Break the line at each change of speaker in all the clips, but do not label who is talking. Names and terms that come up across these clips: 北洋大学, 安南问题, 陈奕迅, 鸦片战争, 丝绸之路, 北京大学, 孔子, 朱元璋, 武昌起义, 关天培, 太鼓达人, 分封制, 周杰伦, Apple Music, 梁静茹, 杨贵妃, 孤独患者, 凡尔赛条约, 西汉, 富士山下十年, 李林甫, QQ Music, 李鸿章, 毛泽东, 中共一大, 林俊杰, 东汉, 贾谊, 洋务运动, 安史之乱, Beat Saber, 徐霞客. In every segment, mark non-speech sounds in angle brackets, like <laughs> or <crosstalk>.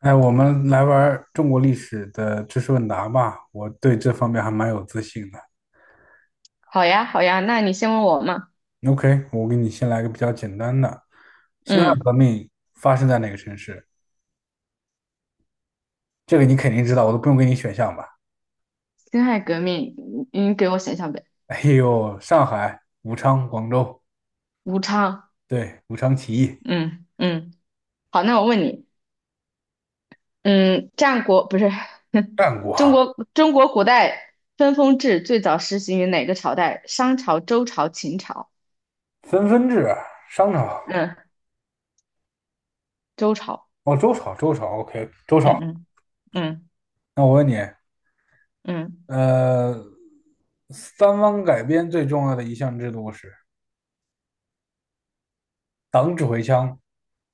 哎，我们来玩儿中国历史的知识问答吧，我对这方面还蛮有自信的。
好呀，好呀，那你先问我嘛。
OK，我给你先来个比较简单的。辛亥革
嗯，
命发生在哪个城市？这个你肯定知道，我都不用给你选项吧？
辛亥革命，你给我想想呗。
哎呦，上海、武昌、广州，
武昌。
对，武昌起义，
嗯嗯，好，那我问你。嗯，战国不是 <laughs>
战国，
中国古代分封制最早实行于哪个朝代？商朝、周朝、秦朝？
分分制，商朝，
嗯，周朝。
哦，周朝，周朝，OK，周
嗯
朝。
嗯嗯
那我问你，
嗯，
呃，三王改编最重要的一项制度是？党指挥枪，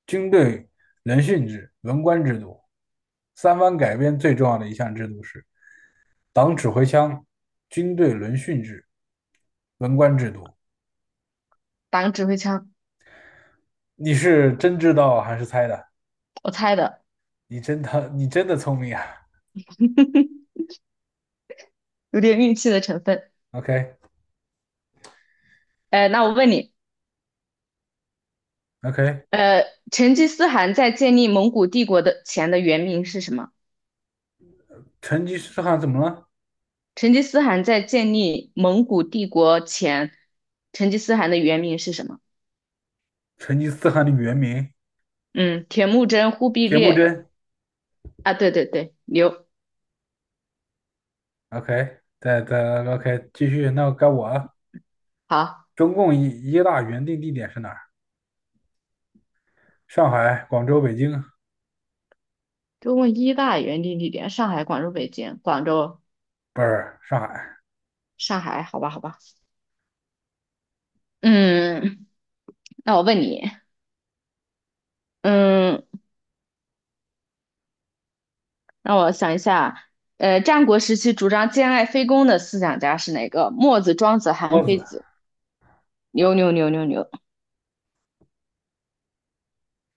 军队轮训制、文官制度。三藩改编最重要的一项制度是党指挥枪、军队轮训制、文官制度。
打个指挥枪。
你是真知道还是猜的？
我猜的，
你真的聪明啊
有点运气的成分。
！OK
那我问你，
OK，
呃，成吉思汗在建立蒙古帝国的前的原名是什么？
成吉思汗怎么了？
成吉思汗在建立蒙古帝国前，成吉思汗的原名是什么？
成吉思汗的原名
嗯，铁木真、忽必
铁木
烈
真。
啊，对对对，刘
OK，再 OK 继续，那该我了。
好。
中共一一大原定地点是哪儿？上海、广州、北京，
中共一大原定地点：上海、广州、北京、广州、
不是上海，
上海。好吧，好吧。嗯，那我问你，嗯，让我想一下。战国时期主张兼爱非攻的思想家是哪个？墨子、庄子、韩
墨
非
子。
子。牛牛牛牛牛。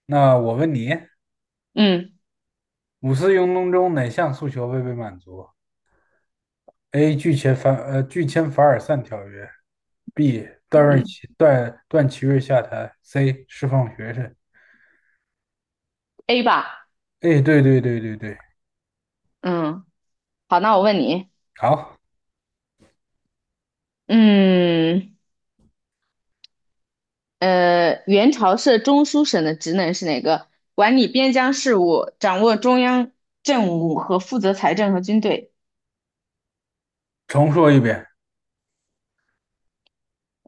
那我问你，
嗯
五四运动中哪项诉求未被满足？A. 拒签凡尔赛条约，B. 段
嗯
瑞
嗯
奇段段祺瑞下台，C. 释放学生。
，A 吧。
哎，对对对对对，
嗯，好，那我问你。
好，
嗯。元朝设中书省的职能是哪个？管理边疆事务，掌握中央政务和负责财政和军队。
重说一遍。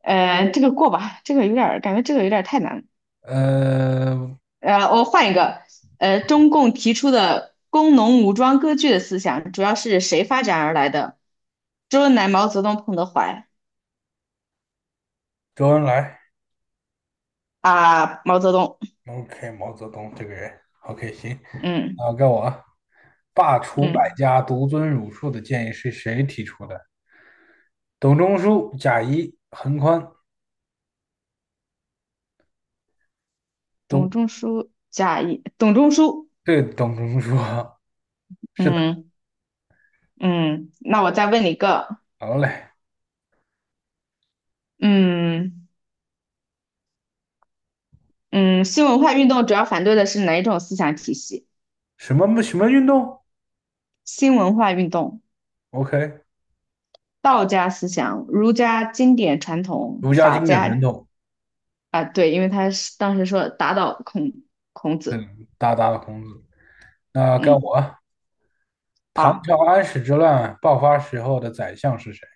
这个过吧，这个有点儿感觉这个有点儿太难了。
呃，
我换一个。中共提出的工农武装割据的思想，主要是谁发展而来的？周恩来、毛泽东、彭德怀
周恩来
啊，毛泽东。
，OK，毛泽东这个人，OK，行，
嗯
啊，该我啊。罢黜百
嗯，
家，独尊儒术的建议是谁提出的？董仲舒、贾谊、桓宽。董，
董仲舒、贾谊、董仲舒。
对，董仲舒 <laughs> 是的。
嗯嗯，那我再问你一个。
好嘞，
嗯。嗯，新文化运动主要反对的是哪一种思想体系？
什么什么运动
新文化运动、
？OK，
道家思想、儒家经典传统、
儒家
法
经典传
家
统，
啊，对，因为他是当时说打倒孔子。
大大的孔子。那该我
嗯，
啊，唐
好，
朝安史之乱爆发时候的宰相是谁？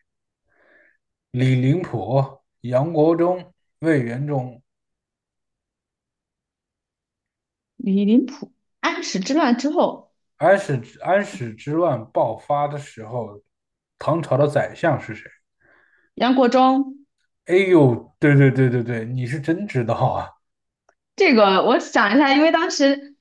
李林甫、杨国忠、魏元忠。
李林甫安史之乱之后，
安史之乱爆发的时候，唐朝的宰相是谁？
杨国忠
哎呦，对对对对对，你是真知道啊！
这个我想一下，因为当时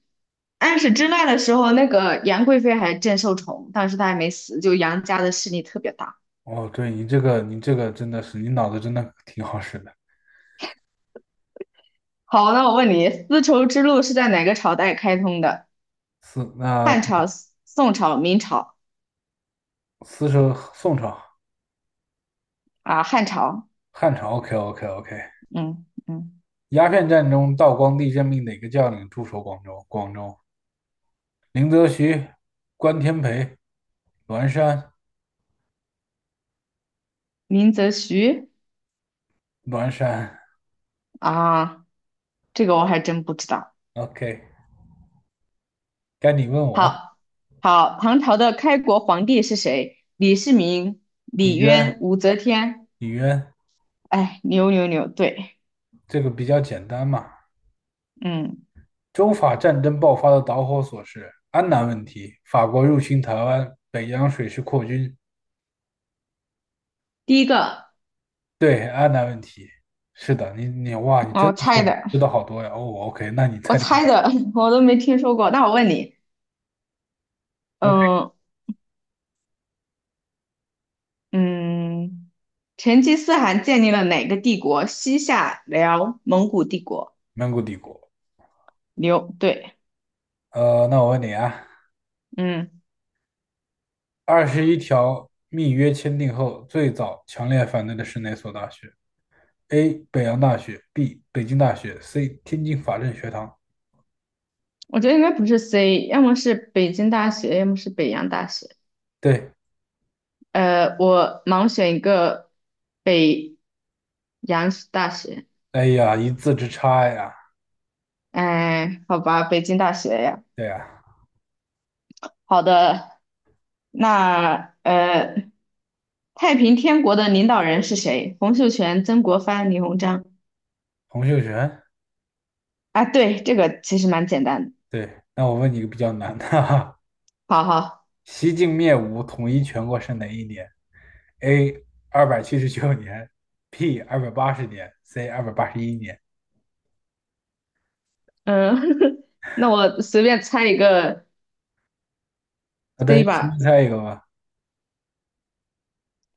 安史之乱的时候，那个杨贵妃还正受宠，当时她还没死，就杨家的势力特别大。
哦，对你这个真的是，你脑子真的挺好使的。
好，那我问你，丝绸之路是在哪个朝代开通的？
四那
汉朝、宋朝、明朝
四是宋朝、
啊，汉朝。
汉朝，OK OK OK。
嗯嗯，
鸦片战中，道光帝任命哪个将领驻守广州？广州，林则徐、关天培、栾山、
明则徐
栾山。
啊，这个我还真不知道。
OK，该你问我。
好，好，唐朝的开国皇帝是谁？李世民、
李
李渊、
渊，
武则天。
李渊，
哎，牛牛牛，对。
这个比较简单嘛。
嗯，
中法战争爆发的导火索是安南问题，法国入侵台湾，北洋水师扩军。
第一个。
对，安南问题。是的，你哇，你
哦
真
我
的
猜
是
的，
知道好多呀。哦，OK，那你
我
猜这个。
猜的，<laughs> 我都没听说过。那我问你。
OK，
嗯嗯，成吉思汗建立了哪个帝国？西夏、辽、蒙古帝国。
蒙古帝国。
牛，对。
那我问你啊。
嗯。
二十一条密约签订后，最早强烈反对的是哪所大学？A. 北洋大学，B. 北京大学，C. 天津法政学堂。
我觉得应该不是 C，要么是北京大学，要么是北洋大学。
对，
我盲选一个北洋大学。
哎呀，一字之差呀！
哎，好吧，北京大学呀。
对呀，
好的，那太平天国的领导人是谁？洪秀全、曾国藩、李鸿章。
洪秀全。
啊，对，这个其实蛮简单的。
对，那我问你一个比较难的，哈哈。
好好。
西晋灭吴统一全国是哪一年？A. 279年，B. 二百八十年，C. 281年。
嗯，<laughs> 那我随便猜一个
那等于
C
随便
吧，
猜一个吧。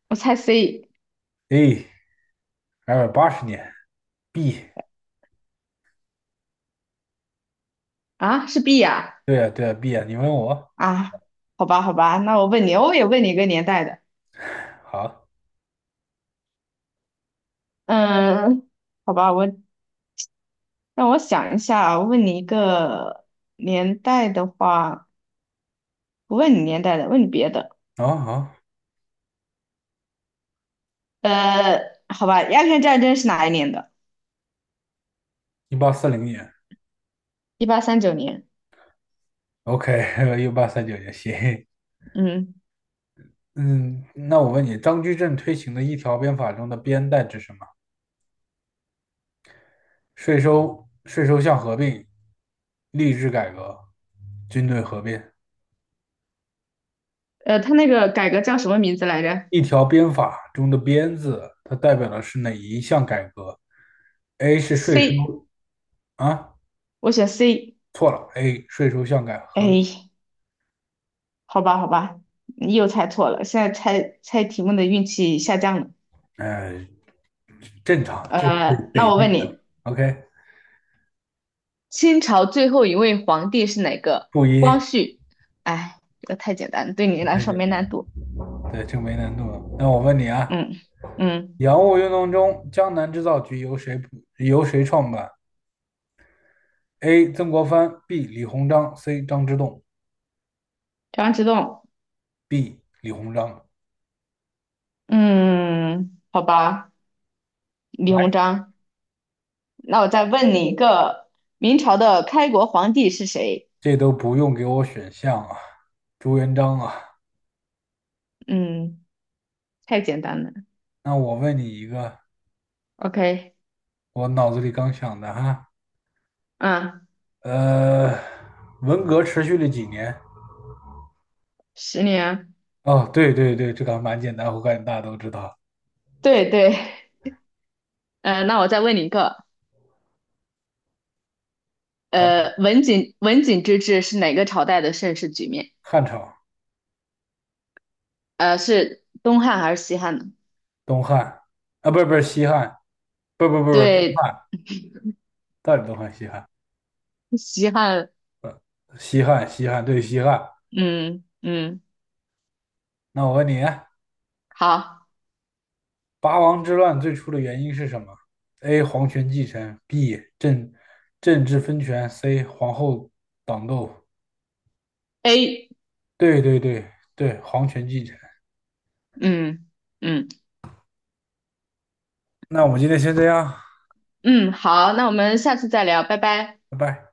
我猜 C
A. 二百八十年，B。
啊，是 B 呀、
对呀，对呀，B 呀，你问我，
啊，好吧，好吧，那我问你，我也问你一个年代的。
好。
嗯，好吧，我让我想一下啊，我问你一个年代的话，不问你年代的，问你别的。
啊啊，
呃，好吧，鸦片战争是哪一年的？
1840年
1839年。
，OK，<laughs> 1839 <laughs> 年，行。
嗯，
嗯，那我问你，张居正推行的一条鞭法中的“鞭”代指什么？税收、税收项合并、吏治改革、军队合并。
他那个改革叫什么名字来着
一条鞭法中的“鞭”字，它代表的是哪一项改革？A 是税收
？C，
啊，
我选 C。
错了，A 税收项改合，
哎，好吧，好吧，你又猜错了，现在猜猜题目的运气下降了。
呃，正常，这得
那
得
我
这
问
个
你，
，OK，
清朝最后一位皇帝是哪个？
负
光
一，
绪。哎，这个太简单了对你来
太
说
简
没
单
难
了，
度。
对，这没难度了。那我问你啊。
嗯嗯，
洋务运动中，江南制造局由谁创办？A. 曾国藩，B. 李鸿章，C. 张之洞
张之洞。
B. 李鸿章。
嗯，好吧，李鸿
来，
章。那我再问你一个，明朝的开国皇帝是谁？
这都不用给我选项啊，朱元璋啊。
嗯，太简单了。
那我问你一个，
OK，
我脑子里刚想的哈，
嗯，
呃，文革持续了几年？
10年。
哦，对对对，这个还蛮简单，我感觉大家都知道。
对对。嗯，那我再问你一个，
啊。
文景之治是哪个朝代的盛世局面？
汉朝，
是东汉还是西汉呢？
东汉啊，不是不是西汉，不不不不，
对，
到底东汉西汉？
西汉。
西汉西汉对西汉。
嗯嗯，
那我问你。
好
八王之乱最初的原因是什么？A. 皇权继承，B. 政治分权，C. 皇后党斗。
，A。
对对对对，皇权继承。
嗯嗯
那我们今天先这样，
嗯，好，那我们下次再聊，拜拜。
拜拜。